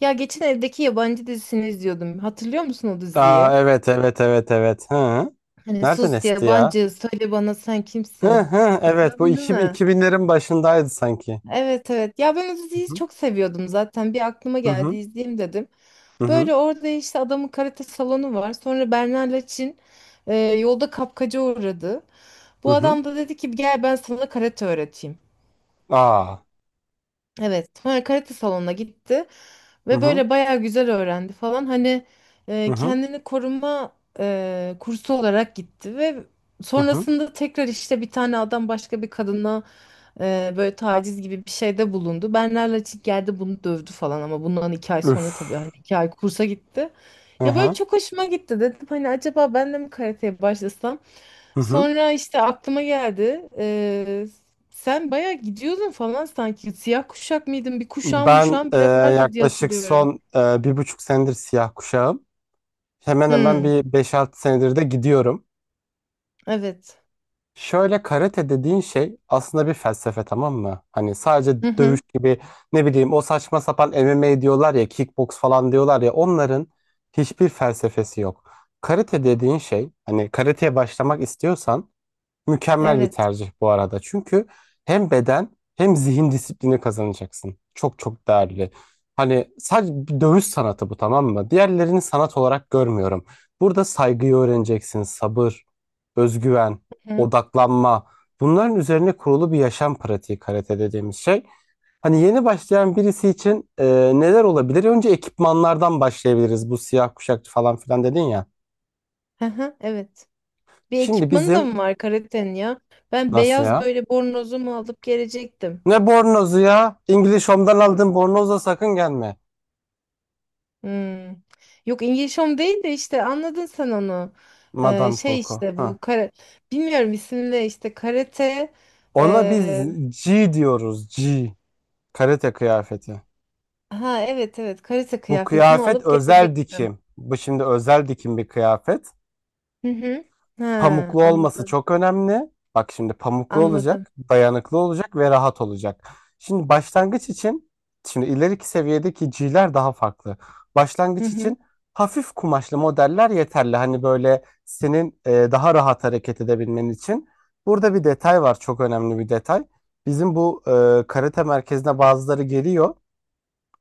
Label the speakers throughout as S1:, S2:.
S1: Ya geçen evdeki yabancı dizisini izliyordum. Hatırlıyor musun o
S2: Aa,
S1: diziyi?
S2: evet evet evet evet. Hı.
S1: Hani
S2: Nereden
S1: sus
S2: esti ya?
S1: yabancı söyle bana sen
S2: Hı
S1: kimsin?
S2: hı, evet, bu
S1: Hatırladın değil
S2: bin
S1: mi?
S2: iki binlerin başındaydı sanki.
S1: Evet evet. Ya ben o diziyi çok seviyordum zaten. Bir aklıma
S2: Hı hı
S1: geldi
S2: hı
S1: izleyeyim dedim.
S2: hı hı.
S1: Böyle orada işte adamın karate salonu var. Sonra Bernar'la Çin yolda kapkaca uğradı.
S2: Hı.
S1: Bu
S2: Hı.
S1: adam da dedi ki gel ben sana karate öğreteyim.
S2: Aa.
S1: Evet, sonra karate salonuna gitti
S2: Hı
S1: ve
S2: hı
S1: böyle bayağı güzel öğrendi falan. Hani
S2: hı hı
S1: kendini koruma kursu olarak gitti ve
S2: hı. Hı.
S1: sonrasında tekrar işte bir tane adam başka bir kadına böyle taciz gibi bir şeyde bulundu. Bernard Laçık geldi bunu dövdü falan ama bundan 2 ay sonra
S2: Üf.
S1: tabii hani 2 ay kursa gitti.
S2: Hı
S1: Ya böyle
S2: hı
S1: çok hoşuma gitti dedim hani acaba ben de mi karateye başlasam?
S2: hı hı.
S1: Sonra işte aklıma geldi. Sen bayağı gidiyordun falan sanki. Siyah kuşak mıydın? Bir kuşağın
S2: Ben
S1: muşağın bile vardı diye
S2: yaklaşık
S1: hatırlıyorum.
S2: son 1,5 senedir siyah kuşağım. Hemen hemen
S1: Hmm,
S2: bir 5-6 senedir de gidiyorum.
S1: evet.
S2: Şöyle, karate dediğin şey aslında bir felsefe, tamam mı? Hani sadece
S1: Hı
S2: dövüş
S1: hı,
S2: gibi, ne bileyim, o saçma sapan MMA diyorlar ya, kickbox falan diyorlar ya, onların hiçbir felsefesi yok. Karate dediğin şey, hani karateye başlamak istiyorsan mükemmel bir
S1: evet.
S2: tercih bu arada. Çünkü hem beden hem zihin disiplini kazanacaksın. Çok çok değerli. Hani sadece bir dövüş sanatı bu, tamam mı? Diğerlerini sanat olarak görmüyorum. Burada saygıyı öğreneceksin, sabır, özgüven,
S1: Hı hı,
S2: odaklanma. Bunların üzerine kurulu bir yaşam pratiği karate dediğimiz şey. Hani yeni başlayan birisi için neler olabilir? Önce ekipmanlardan başlayabiliriz. Bu siyah kuşakçı falan filan dedin ya.
S1: hı hı, evet. Bir
S2: Şimdi
S1: ekipmanı da
S2: bizim...
S1: mı var karatenin ya? Ben
S2: Nasıl
S1: beyaz
S2: ya?
S1: böyle bornozumu alıp gelecektim.
S2: Ne bornozu ya? İngiliz Home'dan aldığın bornozla sakın gelme.
S1: Hmm. Yok İngiliz Home değil de işte anladın sen onu. Eee,
S2: Madame
S1: şey
S2: Coco.
S1: işte bu
S2: Ha.
S1: kara... Bilmiyorum isimle işte karate...
S2: Ona biz G diyoruz. G. Karate kıyafeti.
S1: Ha evet evet karate
S2: Bu
S1: kıyafetimi
S2: kıyafet
S1: alıp
S2: özel
S1: gelecektim.
S2: dikim. Bu şimdi özel dikim bir kıyafet.
S1: Hı hı. Ha
S2: Pamuklu olması
S1: anladım.
S2: çok önemli. Bak, şimdi pamuklu
S1: Anladım.
S2: olacak, dayanıklı olacak ve rahat olacak. Şimdi başlangıç için, şimdi ileriki seviyedeki G'ler daha farklı.
S1: Hı
S2: Başlangıç
S1: hı.
S2: için hafif kumaşlı modeller yeterli. Hani böyle senin daha rahat hareket edebilmen için. Burada bir detay var, çok önemli bir detay. Bizim bu karate merkezine bazıları geliyor.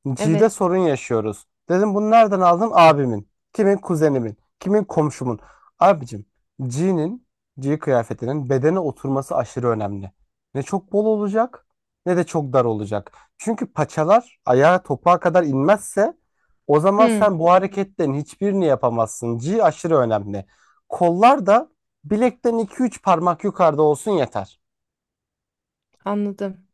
S2: G'de
S1: Evet.
S2: sorun yaşıyoruz. Dedim, bunu nereden aldın? Abimin. Kimin? Kuzenimin. Kimin? Komşumun. Abicim, G'nin, G kıyafetinin bedene oturması aşırı önemli. Ne çok bol olacak ne de çok dar olacak. Çünkü paçalar ayağa topuğa kadar inmezse, o zaman
S1: Hı
S2: sen bu hareketlerin hiçbirini yapamazsın. G aşırı önemli. Kollar da bilekten 2-3 parmak yukarıda olsun, yeter.
S1: anladım.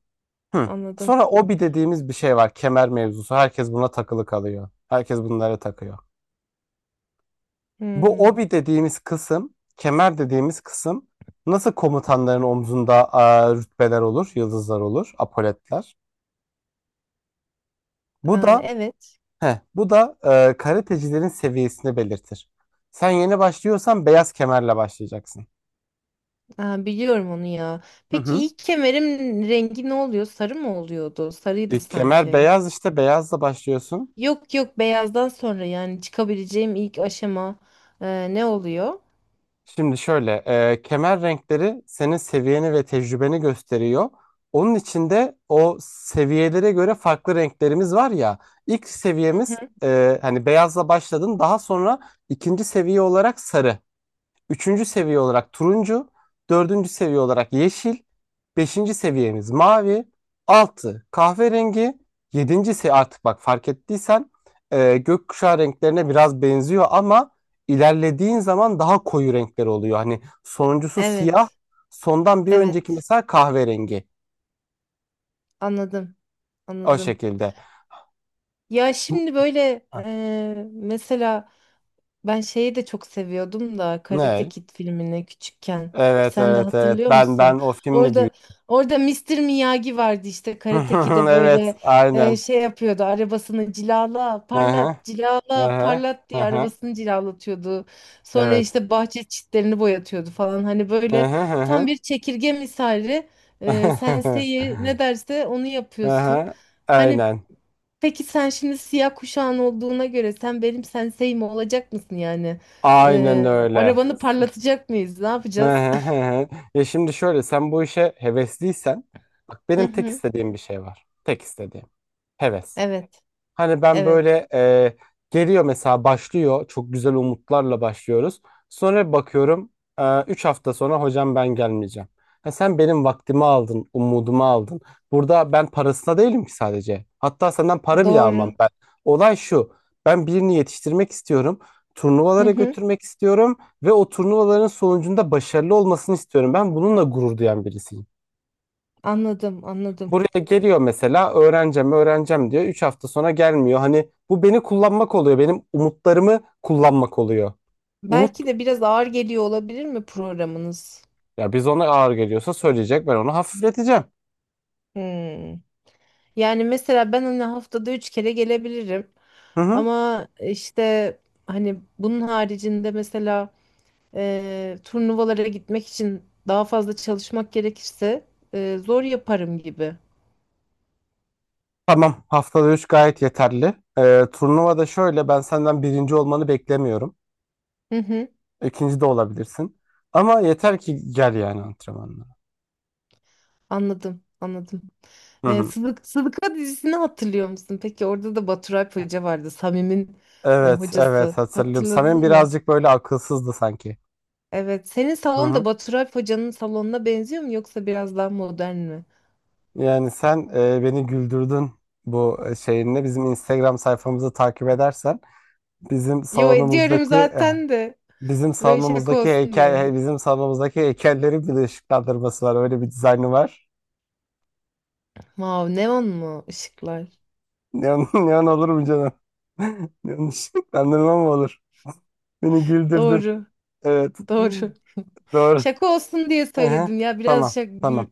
S2: Hı.
S1: Anladım.
S2: Sonra obi dediğimiz bir şey var. Kemer mevzusu. Herkes buna takılı kalıyor. Herkes bunlara takıyor. Bu
S1: Hı.
S2: obi dediğimiz kısım, kemer dediğimiz kısım, nasıl komutanların omzunda rütbeler olur, yıldızlar olur, apoletler. Bu
S1: Aa,
S2: da
S1: evet.
S2: bu da karatecilerin seviyesini belirtir. Sen yeni başlıyorsan beyaz kemerle başlayacaksın.
S1: Aa, biliyorum onu ya.
S2: Hı
S1: Peki
S2: hı.
S1: ilk kemerim rengi ne oluyor? Sarı mı oluyordu? Sarıydı
S2: İlk kemer
S1: sanki.
S2: beyaz, işte beyazla başlıyorsun.
S1: Yok yok beyazdan sonra yani çıkabileceğim ilk aşama ne oluyor?
S2: Şimdi şöyle, kemer renkleri senin seviyeni ve tecrübeni gösteriyor. Onun içinde o seviyelere göre farklı renklerimiz var ya. İlk
S1: Hı.
S2: seviyemiz hani beyazla başladın, daha sonra ikinci seviye olarak sarı. Üçüncü seviye olarak turuncu, dördüncü seviye olarak yeşil, beşinci seviyemiz mavi, altı kahverengi, yedinci seviye. Artık bak, fark ettiysen gökkuşağı renklerine biraz benziyor ama ilerlediğin zaman daha koyu renkler oluyor. Hani sonuncusu siyah,
S1: Evet.
S2: sondan bir önceki
S1: Evet.
S2: mesela kahverengi,
S1: Anladım.
S2: o
S1: Anladım.
S2: şekilde.
S1: Ya
S2: Bu-
S1: şimdi böyle
S2: Ha.
S1: mesela. Ben şeyi de çok seviyordum da Karate
S2: Ne?
S1: Kid filmini küçükken.
S2: Evet
S1: Sen de
S2: evet evet,
S1: hatırlıyor
S2: ben
S1: musun?
S2: o filmde büyüdüm.
S1: Orada orada Mister Miyagi vardı işte Karate Kid'e
S2: Evet,
S1: böyle
S2: aynen.
S1: şey yapıyordu. Arabasını cilala,
S2: Hı hı,
S1: parlat,
S2: hı
S1: cilala,
S2: hı,
S1: parlat
S2: hı
S1: diye
S2: hı.
S1: arabasını cilalatıyordu. Sonra
S2: Evet.
S1: işte bahçe çitlerini boyatıyordu falan. Hani
S2: Hı
S1: böyle
S2: hı hı
S1: tam
S2: hı.
S1: bir çekirge misali. Sensei ne derse onu
S2: Hı
S1: yapıyorsun.
S2: hı.
S1: Hani
S2: Aynen.
S1: peki sen şimdi siyah kuşağın olduğuna göre sen benim sensei mi olacak mısın yani?
S2: Aynen öyle.
S1: Arabanı parlatacak mıyız? Ne
S2: Hı
S1: yapacağız?
S2: hı hı hı. Ya şimdi şöyle, sen bu işe hevesliysen, bak,
S1: Hı
S2: benim tek
S1: hı.
S2: istediğim bir şey var. Tek istediğim. Heves.
S1: Evet,
S2: Hani ben
S1: evet.
S2: böyle geliyor mesela, başlıyor. Çok güzel umutlarla başlıyoruz. Sonra bakıyorum, 3 hafta sonra hocam ben gelmeyeceğim. Ha, sen benim vaktimi aldın, umudumu aldın. Burada ben parasına değilim ki, sadece. Hatta senden para bile almam
S1: Doğru.
S2: ben. Olay şu. Ben birini yetiştirmek istiyorum.
S1: Hı
S2: Turnuvalara
S1: hı.
S2: götürmek istiyorum ve o turnuvaların sonucunda başarılı olmasını istiyorum. Ben bununla gurur duyan birisiyim.
S1: Anladım, anladım.
S2: Buraya geliyor mesela, öğreneceğim öğreneceğim diyor. 3 hafta sonra gelmiyor. Hani bu beni kullanmak oluyor. Benim umutlarımı kullanmak oluyor. Umut
S1: Belki de biraz ağır geliyor olabilir mi programınız?
S2: Ya biz, ona ağır geliyorsa söyleyecek, ben onu hafifleteceğim.
S1: Hmm. Yani mesela ben hani haftada üç kere gelebilirim.
S2: Hı hı.
S1: Ama işte hani bunun haricinde mesela turnuvalara gitmek için daha fazla çalışmak gerekirse zor yaparım gibi.
S2: Tamam, haftada 3 gayet yeterli. Turnuvada şöyle, ben senden birinci olmanı beklemiyorum.
S1: Hı hı,
S2: İkinci de olabilirsin. Ama yeter ki gel yani antrenmanlara.
S1: anladım, anladım.
S2: Hı hı.
S1: Sıdıka dizisini hatırlıyor musun? Peki orada da Baturay Hoca vardı, Samim'in
S2: Evet
S1: hocası.
S2: evet, hatırlıyorum. Samim
S1: Hatırladın mı?
S2: birazcık böyle akılsızdı sanki.
S1: Evet, senin
S2: Hı
S1: salon
S2: hı.
S1: da Baturay Hoca'nın salonuna benziyor mu yoksa biraz daha modern mi?
S2: Yani sen beni güldürdün bu şeyinle. Bizim Instagram sayfamızı takip edersen, bizim
S1: Yo ediyorum
S2: salonumuzdaki eh,
S1: zaten de böyle şaka olsun diye.
S2: bizim salonumuzdaki heykellerin bir de ışıklandırması var. Öyle bir dizaynı var.
S1: Vav neon mu ışıklar?
S2: Neon, neon olur mu canım? Neon ışıklandırma mı olur? Beni güldürdün.
S1: Doğru,
S2: Evet.
S1: doğru.
S2: Doğru.
S1: Şaka olsun diye
S2: Aha.
S1: söyledim ya. Biraz
S2: Tamam. Tamam.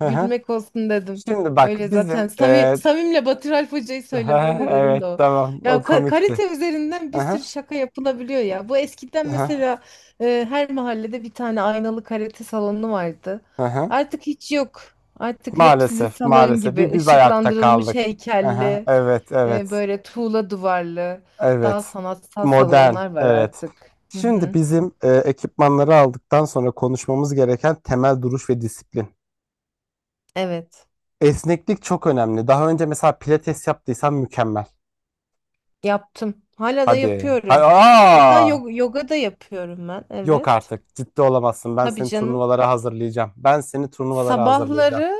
S2: Aha.
S1: gülmek olsun dedim.
S2: Şimdi bak
S1: Öyle zaten.
S2: bizim e,
S1: Samim'le Batır Alp Hoca'yı söyleme de dedim de
S2: Evet,
S1: o.
S2: tamam,
S1: Ya
S2: o komikti.
S1: karate üzerinden bir sürü
S2: Aha.
S1: şaka yapılabiliyor ya. Bu eskiden
S2: Aha.
S1: mesela her mahallede bir tane aynalı karate salonu vardı.
S2: Aha.
S1: Artık hiç yok. Artık hep sizin
S2: Maalesef,
S1: salon
S2: maalesef.
S1: gibi
S2: Bir biz ayakta
S1: ışıklandırılmış
S2: kaldık. Aha,
S1: heykelli,
S2: evet, evet,
S1: böyle tuğla duvarlı, daha
S2: evet.
S1: sanatsal
S2: Modern,
S1: salonlar var
S2: evet.
S1: artık. Hı
S2: Şimdi
S1: hı.
S2: bizim ekipmanları aldıktan sonra konuşmamız gereken temel duruş ve disiplin.
S1: Evet.
S2: Esneklik çok önemli. Daha önce mesela pilates yaptıysan mükemmel.
S1: Yaptım. Hala da
S2: Hadi.
S1: yapıyorum. Hatta
S2: Aa!
S1: yoga da yapıyorum ben.
S2: Yok
S1: Evet.
S2: artık. Ciddi olamazsın. Ben
S1: Tabii
S2: seni
S1: canım.
S2: turnuvalara hazırlayacağım. Ben seni turnuvalara hazırlayacağım.
S1: Sabahları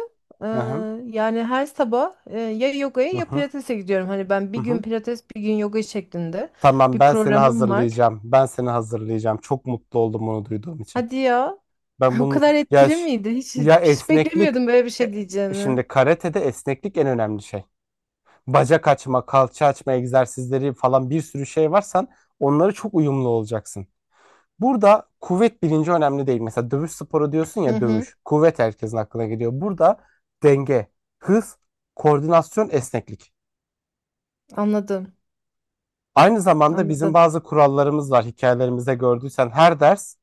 S1: e,
S2: Hı hı,
S1: yani her sabah ya yogaya
S2: hı
S1: ya
S2: hı,
S1: pilatese gidiyorum. Hani ben
S2: hı
S1: bir
S2: hı.
S1: gün pilates bir gün yoga şeklinde
S2: Tamam,
S1: bir
S2: ben seni
S1: programım var.
S2: hazırlayacağım. Ben seni hazırlayacağım. Çok mutlu oldum bunu duyduğum için.
S1: Hadi ya.
S2: Ben
S1: O
S2: bunu
S1: kadar
S2: ya
S1: etkili
S2: ş-
S1: miydi? Hiç
S2: ya
S1: hiç
S2: esneklik
S1: beklemiyordum böyle bir
S2: e,
S1: şey diyeceğini.
S2: Şimdi karatede esneklik en önemli şey. Bacak açma, kalça açma egzersizleri falan, bir sürü şey var. Sen onları çok uyumlu olacaksın. Burada kuvvet bilinci önemli değil. Mesela dövüş sporu diyorsun
S1: Hı
S2: ya,
S1: hı.
S2: dövüş. Kuvvet herkesin aklına geliyor. Burada denge, hız, koordinasyon, esneklik.
S1: Anladım.
S2: Aynı zamanda bizim
S1: Anladım.
S2: bazı kurallarımız var. Hikayelerimizde gördüysen, her ders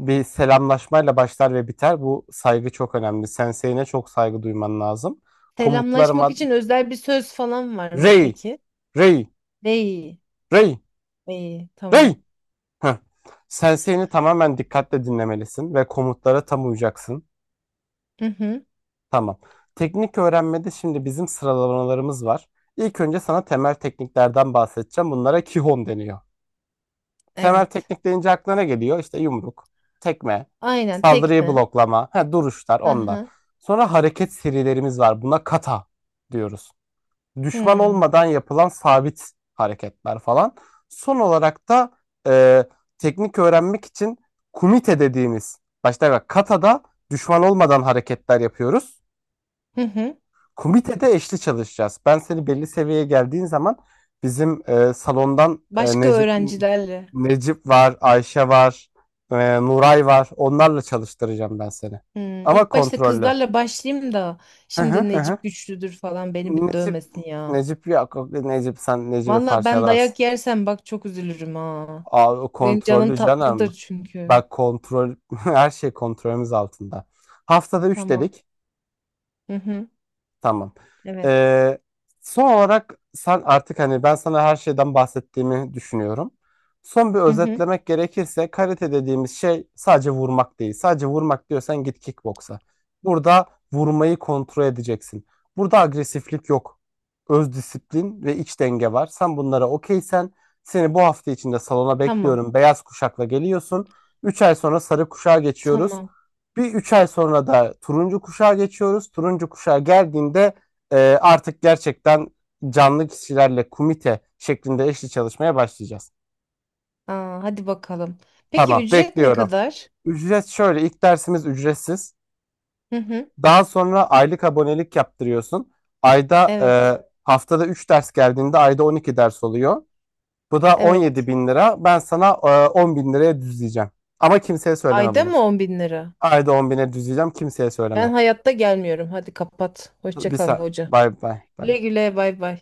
S2: bir selamlaşmayla başlar ve biter. Bu saygı çok önemli. Sensei'ne çok saygı duyman lazım.
S1: Selamlaşmak
S2: Komutlarıma
S1: için özel bir söz falan var mı
S2: Rey,
S1: peki?
S2: Rey,
S1: Değil.
S2: Rey,
S1: İyi. Tamam.
S2: Rey. Heh. Sensei'ni tamamen dikkatle dinlemelisin ve komutlara tam uyacaksın.
S1: Hı hı.
S2: Tamam. Teknik öğrenmede şimdi bizim sıralamalarımız var. İlk önce sana temel tekniklerden bahsedeceğim. Bunlara Kihon deniyor. Temel
S1: Evet.
S2: teknik deyince aklına ne geliyor? İşte yumruk, tekme,
S1: Aynen tek
S2: saldırıyı
S1: mi?
S2: bloklama, ha, duruşlar,
S1: Hı
S2: onlar.
S1: hı.
S2: Sonra hareket serilerimiz var. Buna kata diyoruz. Düşman
S1: Hmm.
S2: olmadan yapılan sabit hareketler falan. Son olarak da e, teknik öğrenmek için kumite dediğimiz, başta bak katada düşman olmadan hareketler yapıyoruz.
S1: Hı hı.
S2: Komitede eşli çalışacağız. Ben seni belli seviyeye geldiğin zaman, bizim salondan
S1: Başka
S2: Necip
S1: öğrencilerle.
S2: Necip var, Ayşe var, Nuray var. Onlarla çalıştıracağım ben seni.
S1: Hmm.
S2: Ama
S1: İlk başta
S2: kontrollü.
S1: kızlarla başlayayım da
S2: Hı hı
S1: şimdi
S2: hı. Hı.
S1: Necip güçlüdür falan beni bir
S2: Necip.
S1: dövmesin ya.
S2: Necip yok. Necip sen Necip'i
S1: Valla ben
S2: parçalarsın.
S1: dayak yersem bak çok üzülürüm ha.
S2: Aa, o
S1: Benim canım
S2: kontrollü canım.
S1: tatlıdır çünkü.
S2: Bak, kontrol, her şey kontrolümüz altında. Haftada 3
S1: Tamam.
S2: dedik.
S1: Hı hı.
S2: Tamam.
S1: Evet.
S2: Ee, Son olarak sen artık, hani ben sana her şeyden bahsettiğimi düşünüyorum. Son bir
S1: Hı hı.
S2: özetlemek gerekirse karate dediğimiz şey sadece vurmak değil. Sadece vurmak diyorsan git kickboksa. Burada vurmayı kontrol edeceksin. Burada agresiflik yok. Öz disiplin ve iç denge var. Sen bunlara okeysen seni bu hafta içinde salona
S1: Tamam.
S2: bekliyorum. Beyaz kuşakla geliyorsun. 3 ay sonra sarı kuşağa geçiyoruz.
S1: Tamam.
S2: Bir 3 ay sonra da turuncu kuşağa geçiyoruz. Turuncu kuşağa geldiğinde artık gerçekten canlı kişilerle komite şeklinde eşli çalışmaya başlayacağız.
S1: Aa, hadi bakalım. Peki
S2: Tamam,
S1: ücret ne
S2: bekliyorum.
S1: kadar?
S2: Ücret şöyle, ilk dersimiz ücretsiz.
S1: Hı hı.
S2: Daha sonra aylık abonelik yaptırıyorsun.
S1: Evet.
S2: Haftada 3 ders geldiğinde ayda 12 ders oluyor. Bu da on yedi
S1: Evet.
S2: bin lira. Ben sana 10 bin liraya düzleyeceğim. Ama kimseye söyleme
S1: Ayda
S2: bunu.
S1: mı 10.000 lira?
S2: Ayda 10.000'e düzleyeceğim. Kimseye
S1: Ben
S2: söyleme.
S1: hayatta gelmiyorum. Hadi kapat. Hoşça kal hoca.
S2: Bye bye bye.
S1: Güle güle bay bay.